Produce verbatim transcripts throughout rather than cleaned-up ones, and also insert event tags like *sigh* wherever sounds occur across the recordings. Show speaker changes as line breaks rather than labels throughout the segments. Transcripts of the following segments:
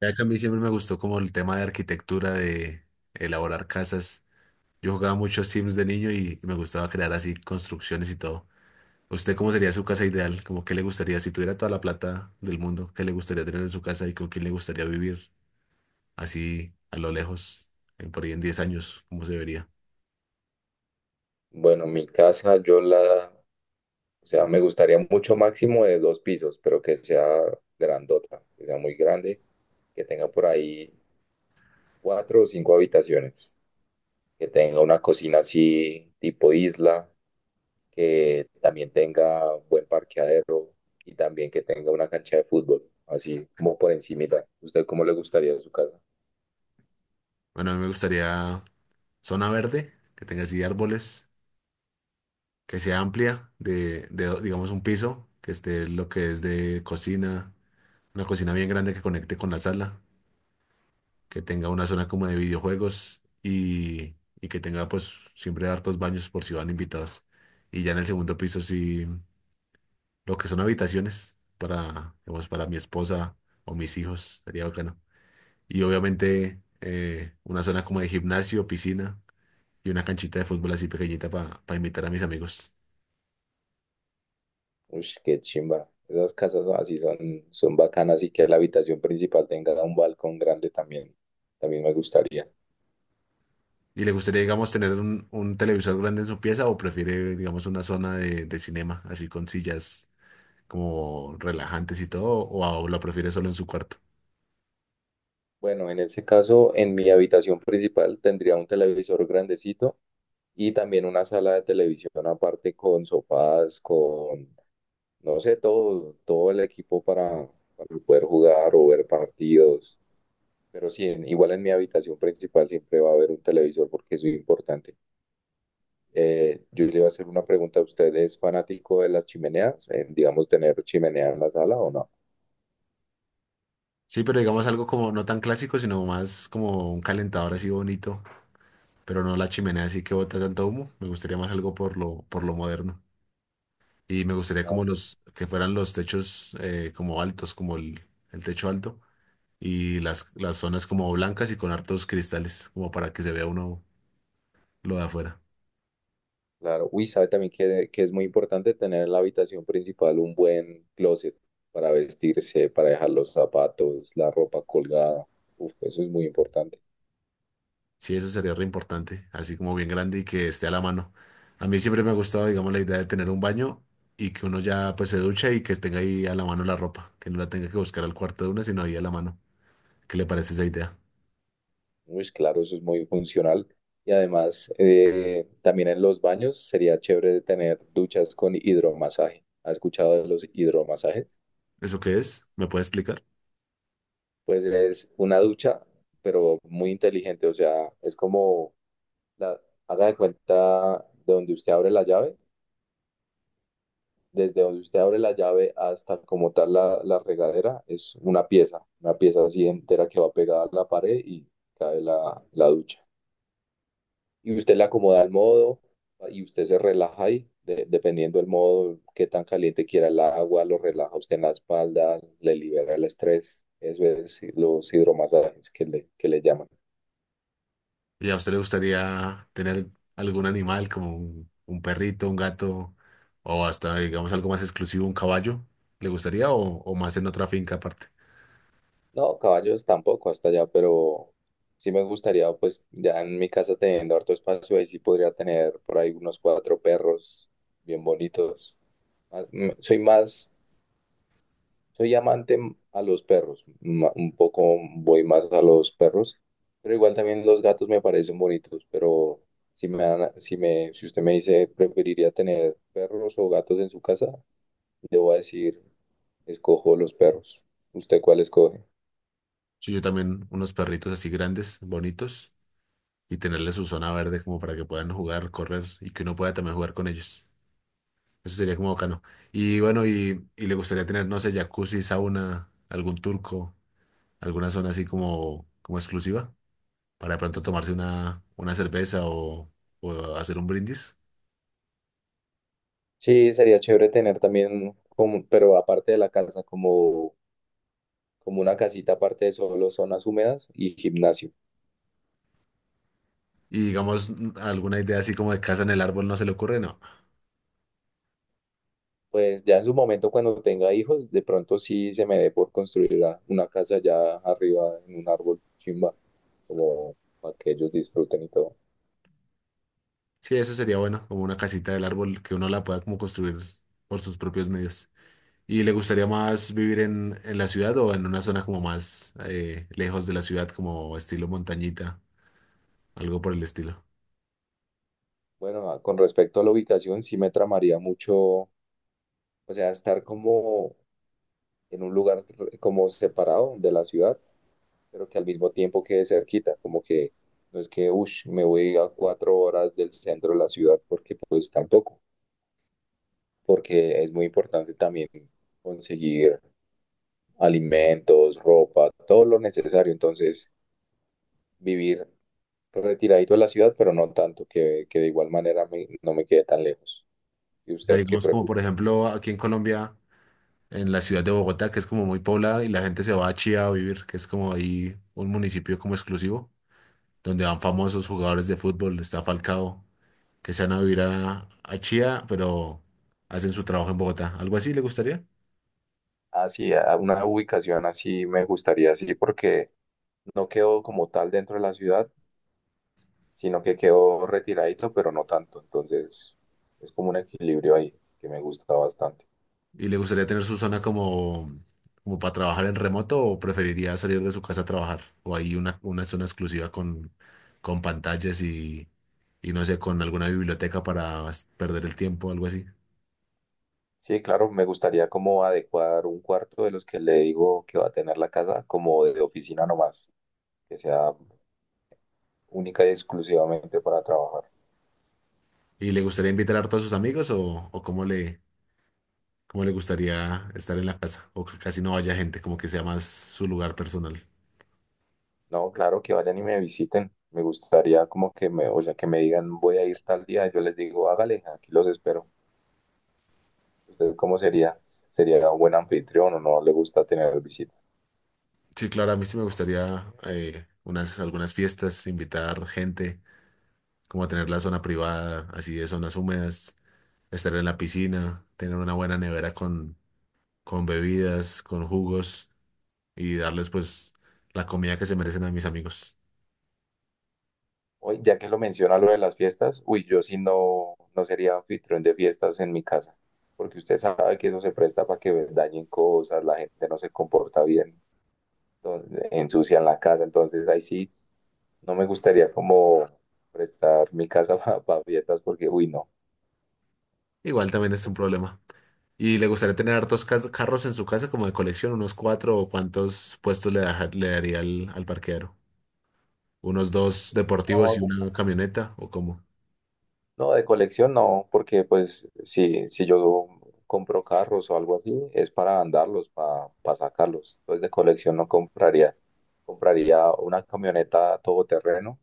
Ya que a mí siempre me gustó como el tema de arquitectura, de elaborar casas. Yo jugaba muchos Sims de niño y me gustaba crear así construcciones y todo. ¿Usted cómo sería su casa ideal? ¿Cómo qué le gustaría si tuviera toda la plata del mundo? ¿Qué le gustaría tener en su casa y con quién le gustaría vivir? Así a lo lejos, en por ahí en diez años, ¿cómo se vería?
Bueno, mi casa yo la, o sea, me gustaría mucho máximo de dos pisos, pero que sea grandota, que sea muy grande, que tenga por ahí cuatro o cinco habitaciones, que tenga una cocina así tipo isla, que también tenga buen parqueadero y también que tenga una cancha de fútbol, así como por encimita. ¿Usted cómo le gustaría su casa?
Bueno, a mí me gustaría zona verde, que tenga así árboles, que sea amplia, de, de do- digamos un piso, que esté lo que es de cocina, una cocina bien grande que conecte con la sala que tenga una zona como de videojuegos y, y que tenga pues siempre hartos baños por si van invitados. Y ya en el segundo piso sí, lo que son habitaciones para, digamos, para mi esposa o mis hijos, sería bacano. Y obviamente eh, una zona como de gimnasio, piscina y una canchita de fútbol así pequeñita para invitar a mis amigos.
Uy, qué chimba. Esas casas son así son, son bacanas, y que la habitación principal tenga un balcón grande también. También me gustaría.
¿Y le gustaría, digamos, tener un, un televisor grande en su pieza o prefiere, digamos, una zona de, de cinema, así con sillas como relajantes y todo, o a- o la prefiere solo en su cuarto?
Bueno, en ese caso, en mi habitación principal tendría un televisor grandecito y también una sala de televisión aparte con sofás, con, no sé, todo, todo el equipo para, para poder jugar o ver partidos. Pero sí, en- igual en mi habitación principal siempre va a haber un televisor porque es muy importante. Eh, yo le iba a hacer una pregunta a usted, ¿es fanático de las chimeneas? Eh, digamos, ¿tener chimenea en la sala o no?
Sí, pero digamos algo como no tan clásico, sino más como un calentador así bonito, pero no la chimenea así que bota tanto humo. Me gustaría más algo por lo, por lo moderno. Y me gustaría como los que fueran los techos eh, como altos, como el, el techo alto, y las, las zonas como blancas y con hartos cristales, como para que se vea uno lo de afuera.
Claro, uy, sabe también que, que es muy importante tener en la habitación principal un buen closet para vestirse, para dejar los zapatos, la ropa colgada. Uf, eso es muy importante.
Sí, eso sería re importante, así como bien grande y que esté a la mano. A mí siempre me ha gustado, digamos, la idea de tener un baño y que uno ya pues se ducha y que tenga ahí a la mano la ropa, que no la tenga que buscar al cuarto de una, sino ahí a la mano. ¿Qué le parece esa idea?
Uy, claro, eso es muy funcional. Y además, eh, también en los baños sería chévere tener duchas con hidromasaje. ¿Has escuchado de los hidromasajes?
¿Eso qué es? ¿Me puede explicar?
Pues es una ducha, pero muy inteligente. O sea, es como, la, haga de cuenta de donde usted abre la llave desde donde usted abre la llave hasta como tal la, la regadera, es una pieza, una pieza así entera que va pegada a la pared y cae la, la ducha. Y usted la acomoda al modo, y usted se relaja ahí, de- dependiendo del modo, qué tan caliente quiera el agua, lo relaja usted en la espalda, le libera el estrés. Eso es los hidromasajes que le, que le llaman.
¿Y a usted le gustaría tener algún animal como un, un perrito, un gato o hasta, digamos, algo más exclusivo, un caballo? ¿Le gustaría o, o más en otra finca aparte?
No, caballos tampoco hasta allá, pero sí me gustaría, pues ya en mi casa teniendo harto espacio, ahí sí podría tener por ahí unos cuatro perros bien bonitos. Ah, mm, Soy más, soy amante m- a los perros, ma- un poco voy más a los perros, pero igual también los gatos me parecen bonitos, pero si me dan, a- si me, si usted me dice preferiría tener perros o gatos en su casa, le voy a decir, escojo los perros. ¿Usted cuál escoge?
Sí, yo también unos perritos así grandes, bonitos, y tenerle su zona verde como para que puedan jugar, correr y que uno pueda también jugar con ellos. Eso sería como bacano. Y bueno, y, y le gustaría tener, no sé, jacuzzi, sauna, algún turco, alguna zona así como, como exclusiva para de pronto tomarse una, una cerveza o, o hacer un brindis.
Sí, sería chévere tener también, como, pero aparte de la casa, como, como una casita aparte de solo zonas húmedas y gimnasio.
Y digamos, n- alguna idea así como de casa en el árbol no se le ocurre, no.
Pues ya en su momento, cuando tenga hijos, de pronto sí se me dé por construir la- una casa ya arriba en un árbol chimba, como para que ellos disfruten y todo.
Sí, eso sería bueno, como una casita del árbol que uno la pueda como construir por sus propios medios. ¿Y le gustaría más vivir en, en la ciudad o en una zona como más eh, lejos de la ciudad, como estilo montañita, algo por el estilo?
Bueno, ah, con respecto a la ubicación, sí me tramaría mucho, o sea, estar como en un lugar como separado de la ciudad, pero que al mismo tiempo quede cerquita, como que no es que, uff, me voy a cuatro horas del centro de la ciudad, porque pues tampoco, porque es muy importante también conseguir alimentos, ropa, todo lo necesario, entonces vivir retiradito de la ciudad, pero no tanto, que, que de igual manera me- no me quede tan lejos. ¿Y
O sea,
usted qué
digamos como
prefiere?
por ejemplo aquí en Colombia, en la ciudad de Bogotá, que es como muy poblada y la gente se va a Chía a vivir, que es como ahí un municipio como exclusivo, donde van famosos jugadores de fútbol, está Falcao, que se van a vivir a, a Chía, pero hacen su trabajo en Bogotá. ¿Algo así le gustaría?
Así, a una ubicación así me gustaría, así, porque no quedo como tal dentro de la ciudad, sino que quedó retiradito, pero no tanto. Entonces, es como un equilibrio ahí que me gusta bastante.
¿Y le gustaría tener su zona como, como para trabajar en remoto o preferiría salir de su casa a trabajar? ¿O hay una, una zona exclusiva con, con pantallas y, y no sé, con alguna biblioteca para s- perder el tiempo o algo así?
Sí, claro, me gustaría como adecuar un cuarto de los que le digo que va a tener la casa como de oficina nomás, que sea única y exclusivamente para trabajar.
¿Y le gustaría invitar a todos sus amigos o, o cómo le, cómo le gustaría estar en la casa? O que casi no vaya gente, como que sea más su lugar personal.
No, claro, que vayan y me visiten. Me gustaría como que me, o sea, que me digan, voy a ir tal día. Yo les digo, hágale, aquí los espero. ¿Usted cómo sería? ¿Sería un buen anfitrión o no le gusta tener visitas?
Sí, claro, a mí sí me gustaría eh, unas, algunas fiestas, invitar gente como tener la zona privada, así de zonas húmedas, estar en la piscina, tener una buena nevera con, con bebidas, con jugos y darles pues la comida que se merecen a mis amigos.
Hoy, ya que lo menciona lo de las fiestas, uy, yo sí no, no sería anfitrión de fiestas en mi casa, porque usted sabe que eso se presta para que dañen cosas, la gente no se comporta bien, entonces ensucian la casa, entonces ahí sí, no me gustaría como prestar mi casa *laughs* para fiestas porque, uy, no.
Igual también es un problema. Y le gustaría tener hartos cas- carros en su casa como de colección, unos cuatro o cuántos puestos le, daja- le daría al, al parqueadero. Unos dos deportivos y
No,
una camioneta o cómo.
no, de colección no, porque pues si, si yo compro carros o algo así, es para andarlos, para sacarlos. Entonces de colección no compraría. Compraría una camioneta todoterreno,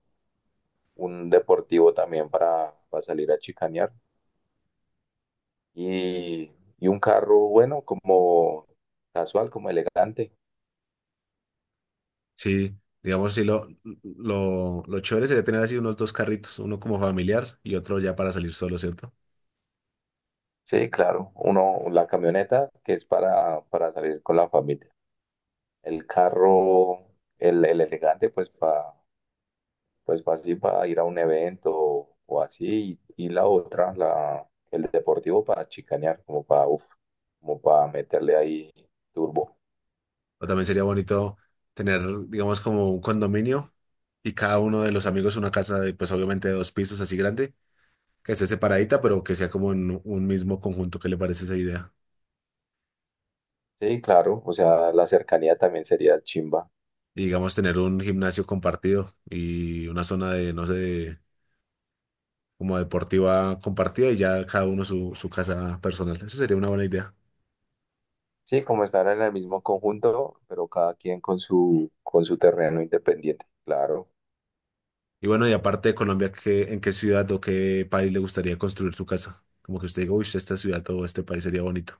un deportivo también para, para, salir a chicanear, y, y un carro bueno, como casual, como elegante.
Sí, digamos, sí, lo, lo, lo chévere sería tener así unos dos carritos, uno como familiar y otro ya para salir solo, ¿cierto?
Sí, claro, uno, la camioneta que es para, para, salir con la familia. El carro, el, el elegante, pues para pues pa así, para ir a un evento o así. Y, y la otra, la, el deportivo para chicanear, como para, uf, como para meterle ahí turbo.
O también sería bonito tener, digamos, como un condominio y cada uno de los amigos una casa de, pues obviamente de dos pisos así grande, que esté separadita, pero que sea como en un mismo conjunto. ¿Qué le parece esa idea?
Sí, claro, o sea, la cercanía también sería chimba.
Y digamos, tener un gimnasio compartido y una zona de, no sé, de- como deportiva compartida y ya cada uno su, su casa personal. Eso sería una buena idea.
Sí, como estar en el mismo conjunto, pero cada quien con su, con su terreno independiente. Claro,
Y bueno, y aparte de Colombia, ¿qué, en qué ciudad o qué país le gustaría construir su casa? Como que usted diga, uy, esta ciudad o este país sería bonito.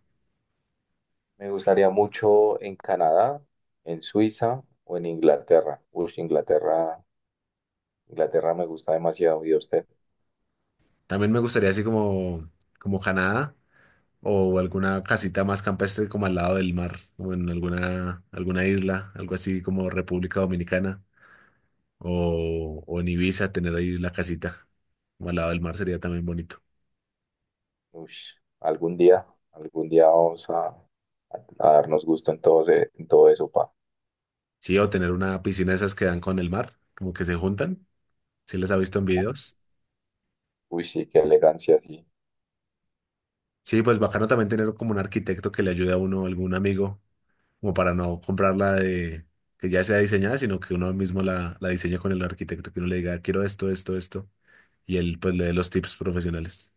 me gustaría mucho en Canadá, en Suiza o en Inglaterra. Uy, Inglaterra, Inglaterra me gusta demasiado. ¿Y a usted?
También me gustaría así como, como Canadá, o alguna casita más campestre como al lado del mar, o en alguna, alguna, isla, algo así como República Dominicana, o, o en Ibiza, tener ahí la casita como al lado del mar sería también bonito.
Uy, algún día, algún día vamos a, a darnos gusto en todo, ese- en todo eso, pa.
Sí, o tener una piscina de esas que dan con el mar, como que se juntan, si les ha visto en videos.
Uy, sí, qué elegancia, sí.
Sí, pues bacano también tener como un arquitecto que le ayude a uno, algún amigo, como para no comprarla de que ya sea diseñada, sino que uno mismo la, la diseñe con el arquitecto, que uno le diga, quiero esto, esto, esto, y él pues le dé los tips profesionales.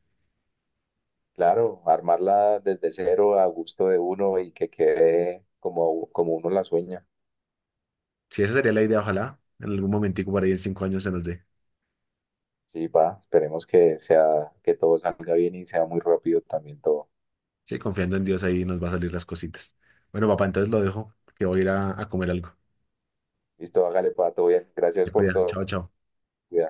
Claro, armarla desde cero a gusto de uno y que quede como, como uno la sueña.
Sí, esa sería la idea, ojalá. En algún momentico por ahí en cinco años se nos dé.
Sí, va, esperemos que sea, que todo salga bien y sea muy rápido también todo.
Sí, confiando en Dios ahí nos va a salir las cositas. Bueno, papá, entonces lo dejo, que voy a ir a, a comer algo.
Listo, hágale, pato, bien.
Te
Gracias por
cuida.
todo.
Chao, chao.
Cuidado.